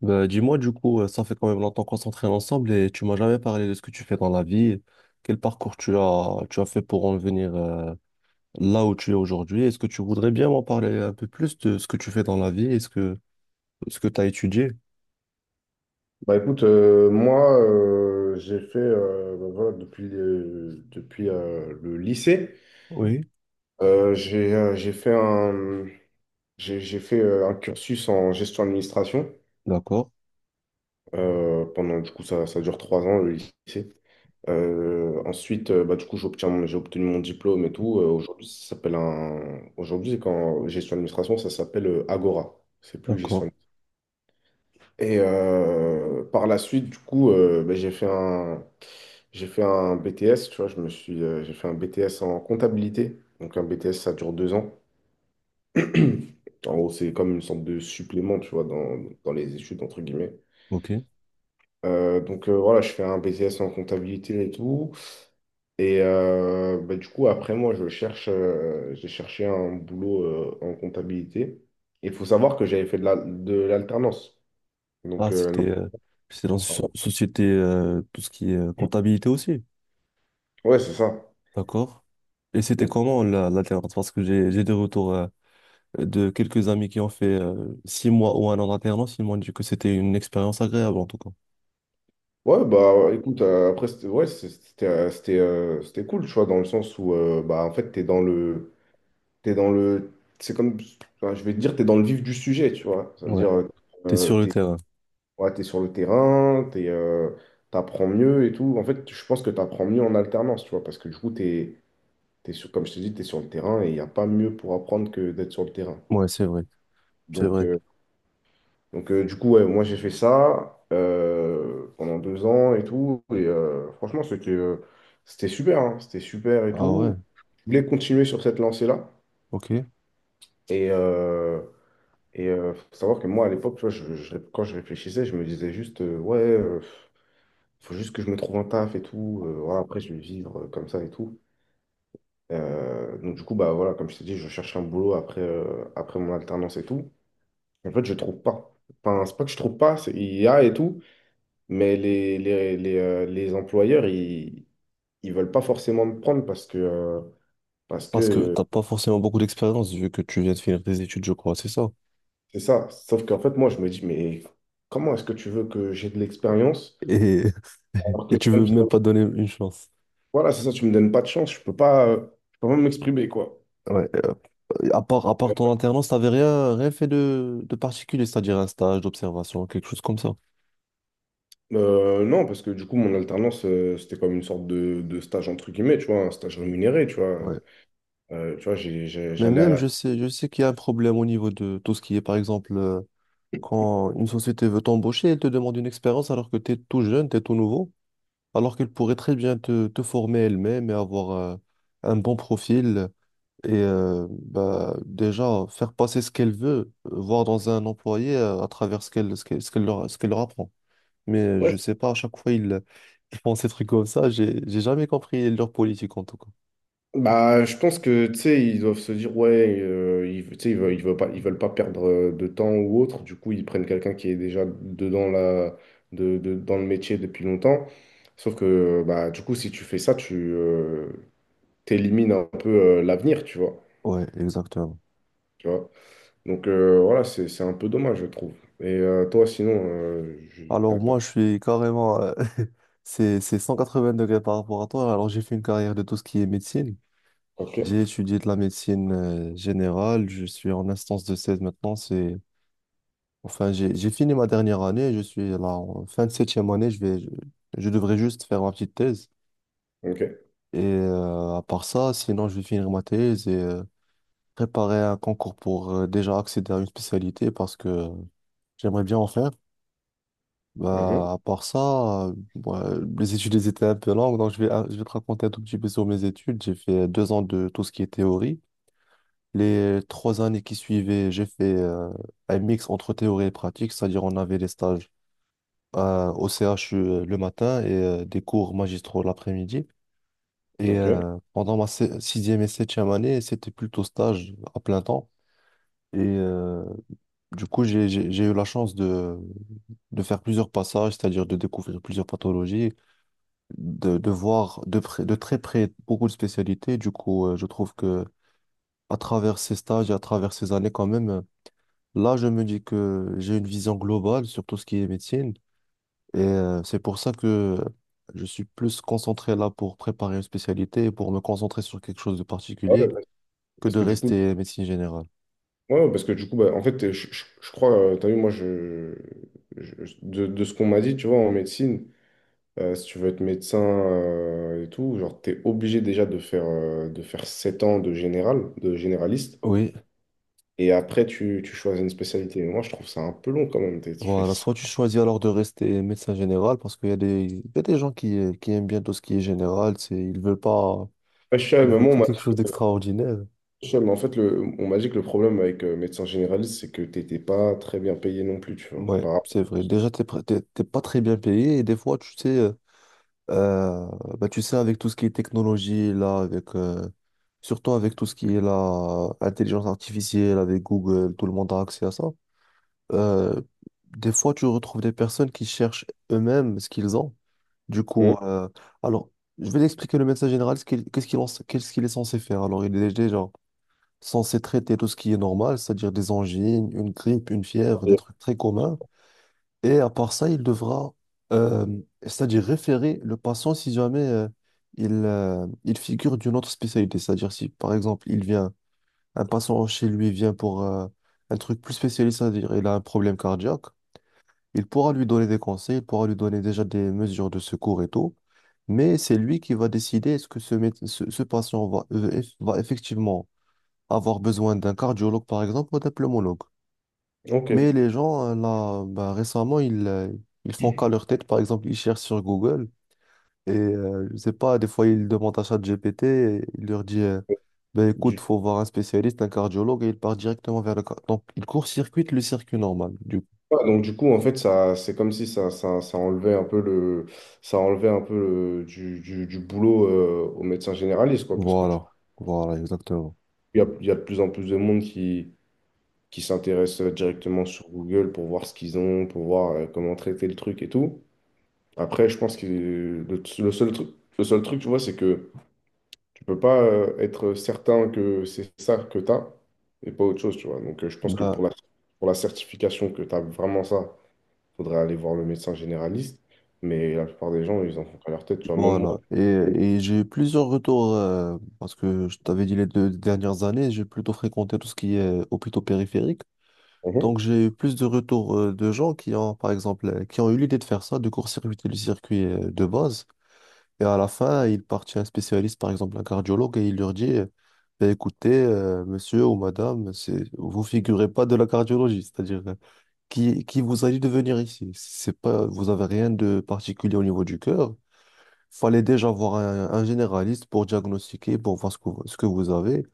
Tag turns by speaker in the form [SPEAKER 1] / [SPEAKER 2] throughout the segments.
[SPEAKER 1] Bah, dis-moi, du coup, ça fait quand même longtemps qu'on s'entraîne ensemble et tu m'as jamais parlé de ce que tu fais dans la vie. Quel parcours tu as fait pour en venir là où tu es aujourd'hui? Est-ce que tu voudrais bien m'en parler un peu plus de ce que tu fais dans la vie? Est-ce que ce que tu as étudié?
[SPEAKER 2] Bah écoute, moi j'ai fait bah, voilà, depuis, depuis le lycée,
[SPEAKER 1] Oui,
[SPEAKER 2] euh, j'ai euh, j'ai fait un, j'ai fait un cursus en gestion administration.
[SPEAKER 1] d'accord,
[SPEAKER 2] Pendant du coup, ça dure 3 ans le lycée. Ensuite, bah, du coup, j'ai obtenu mon diplôme et tout. Aujourd'hui, ça s'appelle un. Aujourd'hui, quand gestion administration, ça s'appelle Agora. C'est plus
[SPEAKER 1] d'accord,
[SPEAKER 2] gestion. Et par la suite, du coup, ben, j'ai fait un BTS, tu vois, j'ai fait un BTS en comptabilité. Donc un BTS, ça dure 2 ans. En gros, c'est comme une sorte de supplément, tu vois, dans les études, entre guillemets.
[SPEAKER 1] ok.
[SPEAKER 2] Donc, voilà, je fais un BTS en comptabilité et tout. Et bah, du coup, après moi, j'ai cherché un boulot en comptabilité. Il faut savoir que j'avais fait de l'alternance.
[SPEAKER 1] Ah,
[SPEAKER 2] Donc,
[SPEAKER 1] c'était dans une
[SPEAKER 2] non.
[SPEAKER 1] société, tout ce qui est comptabilité aussi,
[SPEAKER 2] Ouais, c'est ça.
[SPEAKER 1] d'accord. Et c'était
[SPEAKER 2] Donc,
[SPEAKER 1] comment la dernière. Parce que j'ai des retours, de quelques amis qui ont fait 6 mois ou 1 an d'alternance, ils m'ont dit que c'était une expérience agréable en tout cas.
[SPEAKER 2] Ouais, bah écoute, après, c'était ouais, c'était cool, tu vois, dans le sens où, bah en fait, t'es dans le. T'es dans le. C'est comme. Enfin, je vais te dire, t'es dans le vif du sujet, tu vois. Ça veut
[SPEAKER 1] Ouais.
[SPEAKER 2] dire,
[SPEAKER 1] T'es sur le
[SPEAKER 2] t'es
[SPEAKER 1] terrain.
[SPEAKER 2] ouais, t'es sur le terrain, t'apprends mieux et tout. En fait, je pense que t'apprends mieux en alternance, tu vois, parce que du coup, comme je te dis, t'es sur le terrain et il n'y a pas mieux pour apprendre que d'être sur le terrain.
[SPEAKER 1] Ouais, c'est vrai. C'est
[SPEAKER 2] Donc.
[SPEAKER 1] vrai.
[SPEAKER 2] euh, du coup, ouais, moi, j'ai fait ça pendant 2 ans et tout. Et franchement, c'était super, hein, c'était super et
[SPEAKER 1] Ah ouais,
[SPEAKER 2] tout. Je voulais continuer sur cette lancée-là.
[SPEAKER 1] ok.
[SPEAKER 2] Et, euh, Faut savoir que moi, à l'époque, tu vois, quand je réfléchissais, je me disais juste, ouais, faut juste que je me trouve un taf et tout. Voilà, après, je vais vivre comme ça et tout. Donc, du coup, bah voilà, comme je t'ai dit, je cherche un boulot après mon alternance et tout. En fait, je trouve pas. Enfin, c'est pas que je trouve pas, il y a et tout. Mais les employeurs, ils ne veulent pas forcément me prendre parce que, parce que
[SPEAKER 1] Parce que
[SPEAKER 2] euh,
[SPEAKER 1] t'as pas forcément beaucoup d'expérience vu que tu viens de finir tes études, je crois, c'est ça.
[SPEAKER 2] c'est ça. Sauf qu'en fait, moi, je me dis, mais comment est-ce que tu veux que j'ai de l'expérience
[SPEAKER 1] Et,
[SPEAKER 2] alors que
[SPEAKER 1] et tu
[SPEAKER 2] je
[SPEAKER 1] veux
[SPEAKER 2] viens
[SPEAKER 1] même
[SPEAKER 2] de.
[SPEAKER 1] pas donner une chance.
[SPEAKER 2] Voilà, c'est ça, tu me donnes pas de chance, je peux pas m'exprimer, quoi.
[SPEAKER 1] Ouais. À part, à part ton alternance, t'avais rien, rien fait de particulier, c'est-à-dire un stage d'observation, quelque chose comme ça.
[SPEAKER 2] Non, parce que du coup, mon alternance, c'était comme une sorte de stage, entre guillemets, tu vois, un stage rémunéré, tu vois.
[SPEAKER 1] Ouais.
[SPEAKER 2] Tu vois,
[SPEAKER 1] Mais
[SPEAKER 2] j'allais à
[SPEAKER 1] même,
[SPEAKER 2] la...
[SPEAKER 1] je sais qu'il y a un problème au niveau de tout ce qui est, par exemple, quand une société veut t'embaucher, elle te demande une expérience alors que tu es tout jeune, tu es tout nouveau, alors qu'elle pourrait très bien te former elle-même et avoir un bon profil et bah, déjà faire passer ce qu'elle veut, voir dans un employé à travers ce qu'elle leur apprend. Mais je
[SPEAKER 2] Ouais.
[SPEAKER 1] sais pas, à chaque fois ils, ils font ces trucs comme ça, j'ai jamais compris leur politique en tout cas.
[SPEAKER 2] Bah, je pense que, tu sais, ils doivent se dire, ouais, ils, tu sais, ils veulent pas perdre de temps ou autre. Du coup, ils prennent quelqu'un qui est déjà dedans la, de- dans le métier depuis longtemps. Sauf que, bah, du coup, si tu fais ça, tu t'élimines un peu l'avenir,
[SPEAKER 1] Ouais, exactement.
[SPEAKER 2] tu vois. Donc, voilà, c'est un peu dommage, je trouve. Et toi, sinon,
[SPEAKER 1] Alors moi, je suis carrément c'est 180 degrés par rapport à toi, alors j'ai fait une carrière de tout ce qui est médecine.
[SPEAKER 2] ok,
[SPEAKER 1] J'ai étudié de la médecine générale, je suis en instance de 16 maintenant, c'est enfin j'ai fini ma dernière année, je suis là en fin de septième année, je devrais juste faire ma petite thèse
[SPEAKER 2] ok,
[SPEAKER 1] et à part ça, sinon je vais finir ma thèse et préparer un concours pour déjà accéder à une spécialité parce que j'aimerais bien en faire.
[SPEAKER 2] mhm,
[SPEAKER 1] Bah à part ça, ouais, les études elles étaient un peu longues, donc je vais te raconter un tout petit peu sur mes études. J'ai fait 2 ans de tout ce qui est théorie. Les 3 années qui suivaient, j'ai fait un mix entre théorie et pratique, c'est-à-dire on avait des stages au CHU le matin et des cours magistraux l'après-midi. Et
[SPEAKER 2] ok.
[SPEAKER 1] pendant ma sixième et septième année, c'était plutôt stage à plein temps. Et du coup, j'ai eu la chance de faire plusieurs passages, c'est-à-dire de découvrir plusieurs pathologies, de voir de très près beaucoup de spécialités. Du coup, je trouve que à travers ces stages et à travers ces années, quand même, là, je me dis que j'ai une vision globale sur tout ce qui est médecine et c'est pour ça que je suis plus concentré là pour préparer une spécialité et pour me concentrer sur quelque chose de
[SPEAKER 2] Ah
[SPEAKER 1] particulier
[SPEAKER 2] ouais,
[SPEAKER 1] que
[SPEAKER 2] parce
[SPEAKER 1] de
[SPEAKER 2] que du coup,
[SPEAKER 1] rester médecine générale.
[SPEAKER 2] ouais, ouais, parce que du coup, bah, en fait, je crois, tu as vu, moi, de ce qu'on m'a dit, tu vois, en médecine, si tu veux être médecin, et tout, genre, t'es obligé déjà de faire, 7 ans de général, de généraliste,
[SPEAKER 1] Oui,
[SPEAKER 2] et après, tu choisis une spécialité. Mais moi, je trouve ça un peu long quand même. Tu fais...
[SPEAKER 1] voilà.
[SPEAKER 2] ça.
[SPEAKER 1] Soit tu choisis alors de rester médecin général parce qu'il y a des gens qui aiment bien tout ce qui est général, c'est, ils veulent pas,
[SPEAKER 2] Ouais, je sais,
[SPEAKER 1] ils
[SPEAKER 2] mais
[SPEAKER 1] veulent
[SPEAKER 2] moi, on
[SPEAKER 1] pas
[SPEAKER 2] m'a
[SPEAKER 1] quelque chose d'extraordinaire.
[SPEAKER 2] je sais, mais en fait, on m'a dit que le problème avec médecin généraliste, c'est que t'étais pas très bien payé non plus, tu vois.
[SPEAKER 1] Ouais,
[SPEAKER 2] Par...
[SPEAKER 1] c'est vrai. Déjà, t'es, pr- t'es t'es pas très bien payé et des fois, tu sais. Euh, bah, tu sais, avec tout ce qui est technologie, là, avec, surtout avec tout ce qui est la intelligence artificielle, avec Google, tout le monde a accès à ça. Euh, des fois, tu retrouves des personnes qui cherchent eux-mêmes ce qu'ils ont. Du
[SPEAKER 2] Hum.
[SPEAKER 1] coup, alors, je vais t'expliquer le médecin général, ce qu'il- qu'est-ce qu'il en- qu'est-ce qu'il est censé faire. Alors, il est déjà censé traiter tout ce qui est normal, c'est-à-dire des angines, une grippe, une fièvre, des trucs très communs. Et à part ça, il devra, euh, c'est-à-dire référer le patient si jamais il figure d'une autre spécialité. C'est-à-dire si, par exemple, un patient chez lui vient pour un truc plus spécialiste, c'est-à-dire il a un problème cardiaque, il pourra lui donner des conseils, il pourra lui donner déjà des mesures de secours et tout, mais c'est lui qui va décider est-ce que ce patient va effectivement avoir besoin d'un cardiologue, par exemple, ou d'un pneumologue.
[SPEAKER 2] Ok.
[SPEAKER 1] Mais les gens, là, bah, récemment, ils font qu'à leur tête. Par exemple, ils cherchent sur Google et, je sais pas, des fois, ils demandent à ChatGPT et il leur dit, ben
[SPEAKER 2] Du-
[SPEAKER 1] écoute, faut voir un spécialiste, un cardiologue, et il part directement vers Donc, il court-circuite le circuit normal, du coup.
[SPEAKER 2] Ouais, donc du coup en fait ça, c'est comme si ça enlevait un peu le, ça enlevait un peu du boulot aux médecins généralistes quoi, parce que tu-
[SPEAKER 1] Voilà, voilà, exactement.
[SPEAKER 2] il y a de plus en plus de monde qui s'intéresse directement sur Google pour voir ce qu'ils ont, pour voir comment traiter le truc et tout. Après, je pense que le seul truc, tu vois, c'est que tu peux pas être certain que c'est ça que tu as et pas autre chose, tu vois. Donc je pense que
[SPEAKER 1] Ben,
[SPEAKER 2] pour la certification que tu as vraiment ça, faudrait aller voir le médecin généraliste. Mais la plupart des gens, ils en font qu'à leur tête. Tu vois, même moi.
[SPEAKER 1] voilà. Et j'ai eu plusieurs retours, parce que je t'avais dit les deux dernières années, j'ai plutôt fréquenté tout ce qui est hôpitaux périphériques. Donc
[SPEAKER 2] Mhm.
[SPEAKER 1] j'ai eu plus de retours de gens qui ont, par exemple, qui ont eu l'idée de faire ça, de court-circuiter le circuit de base. Et à la fin, il part chez un spécialiste, par exemple un cardiologue, et il leur dit, ben, écoutez, monsieur ou madame, c'est, vous figurez pas de la cardiologie, c'est-à-dire qui vous a dit de venir ici. C'est pas, vous avez rien de particulier au niveau du cœur. Fallait déjà voir un généraliste pour diagnostiquer, pour voir ce que vous avez.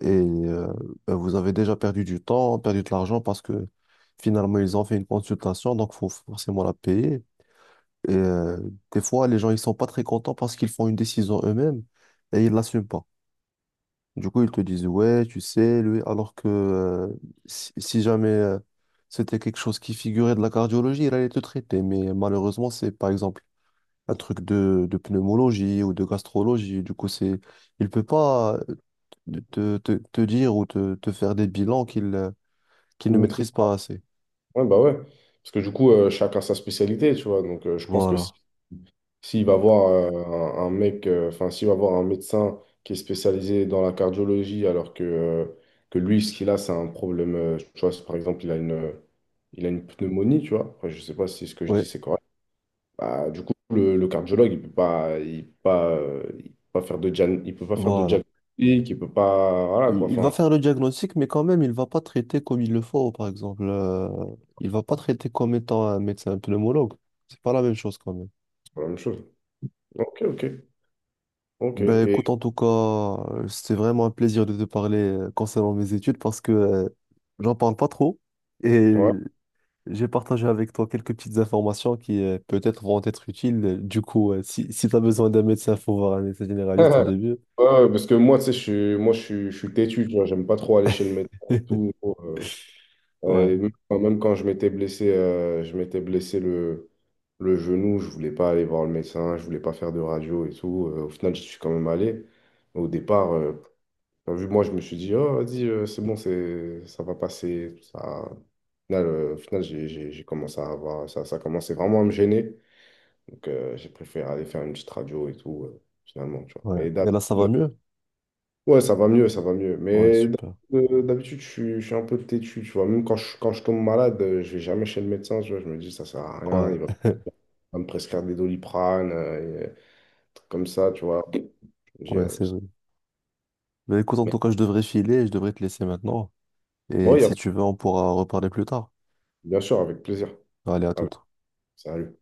[SPEAKER 1] Et ben, vous avez déjà perdu du temps, perdu de l'argent parce que finalement, ils ont fait une consultation, donc faut forcément la payer. Et des fois, les gens, ils sont pas très contents parce qu'ils font une décision eux-mêmes et ils l'assument pas. Du coup, ils te disent, ouais, tu sais, lui, alors que si jamais c'était quelque chose qui figurait de la cardiologie, il allait te traiter. Mais malheureusement, c'est par exemple un truc de pneumologie ou de gastrologie. Du coup, c'est, il peut pas te dire ou te faire des bilans qu'il qu'il
[SPEAKER 2] Ils
[SPEAKER 1] ne
[SPEAKER 2] maîtrisent.
[SPEAKER 1] maîtrise pas assez.
[SPEAKER 2] Ouais, bah ouais. Parce que du coup, chacun sa spécialité, tu vois. Donc, je pense que si,
[SPEAKER 1] Voilà.
[SPEAKER 2] s'il va voir un mec, enfin, s'il va voir un médecin qui est spécialisé dans la cardiologie, alors que lui, ce qu'il a, c'est un problème, tu vois, si par exemple, il a une pneumonie, tu vois. Après, je sais pas si ce que je dis,
[SPEAKER 1] Ouais,
[SPEAKER 2] c'est correct. Bah, du coup, le cardiologue, il peut pas faire de
[SPEAKER 1] voilà.
[SPEAKER 2] diagnostic, il peut pas, voilà
[SPEAKER 1] Il,
[SPEAKER 2] quoi.
[SPEAKER 1] il va
[SPEAKER 2] Enfin,
[SPEAKER 1] faire le diagnostic, mais quand même, il va pas traiter comme il le faut, par exemple. Il va pas traiter comme étant un médecin pneumologue. C'est pas la même chose quand même.
[SPEAKER 2] c'est pas la même chose. Ok, ok, ok.
[SPEAKER 1] Ben
[SPEAKER 2] Et
[SPEAKER 1] écoute, en tout cas, c'était vraiment un plaisir de te parler concernant mes études parce que j'en parle pas trop. Et
[SPEAKER 2] ouais.
[SPEAKER 1] j'ai partagé avec toi quelques petites informations qui peut-être vont être utiles. Du coup, si tu as besoin d'un médecin, faut voir un médecin généraliste au début.
[SPEAKER 2] Ouais, ouais, parce que moi, tu sais, je suis têtu, tu vois. J'aime pas trop aller chez le médecin et tout. euh,
[SPEAKER 1] Ouais,
[SPEAKER 2] et même quand je m'étais blessé le genou, je voulais pas aller voir le médecin, je voulais pas faire de radio et tout. Au final, je suis quand même allé. Au départ. Enfin, vu que moi, je me suis dit, oh, vas-y, c'est bon, ça va passer. Ça... Au final, j'ai commencé à avoir, ça commençait vraiment à me gêner. Donc, j'ai préféré aller faire une petite radio et tout, finalement, tu vois.
[SPEAKER 1] ouais.
[SPEAKER 2] Mais
[SPEAKER 1] Et là, ça va
[SPEAKER 2] d'habitude,
[SPEAKER 1] mieux?
[SPEAKER 2] ouais, ça va mieux, ça va mieux.
[SPEAKER 1] Ouais,
[SPEAKER 2] Mais
[SPEAKER 1] super.
[SPEAKER 2] d'habitude, je suis un peu têtu, tu vois. Même quand je tombe malade, je vais jamais chez le médecin, tu vois. Je me dis, ça sert à rien,
[SPEAKER 1] Ouais,
[SPEAKER 2] il va pas me prescrire des Doliprane, et, trucs comme ça, tu vois. Je me dis,
[SPEAKER 1] ouais, c'est vrai. Mais écoute, en
[SPEAKER 2] mais,
[SPEAKER 1] tout cas, je devrais filer, je devrais te laisser maintenant.
[SPEAKER 2] bon,
[SPEAKER 1] Et si tu veux, on pourra reparler plus tard.
[SPEAKER 2] bien sûr, avec plaisir.
[SPEAKER 1] Allez, à
[SPEAKER 2] Avec-
[SPEAKER 1] toute.
[SPEAKER 2] Salut.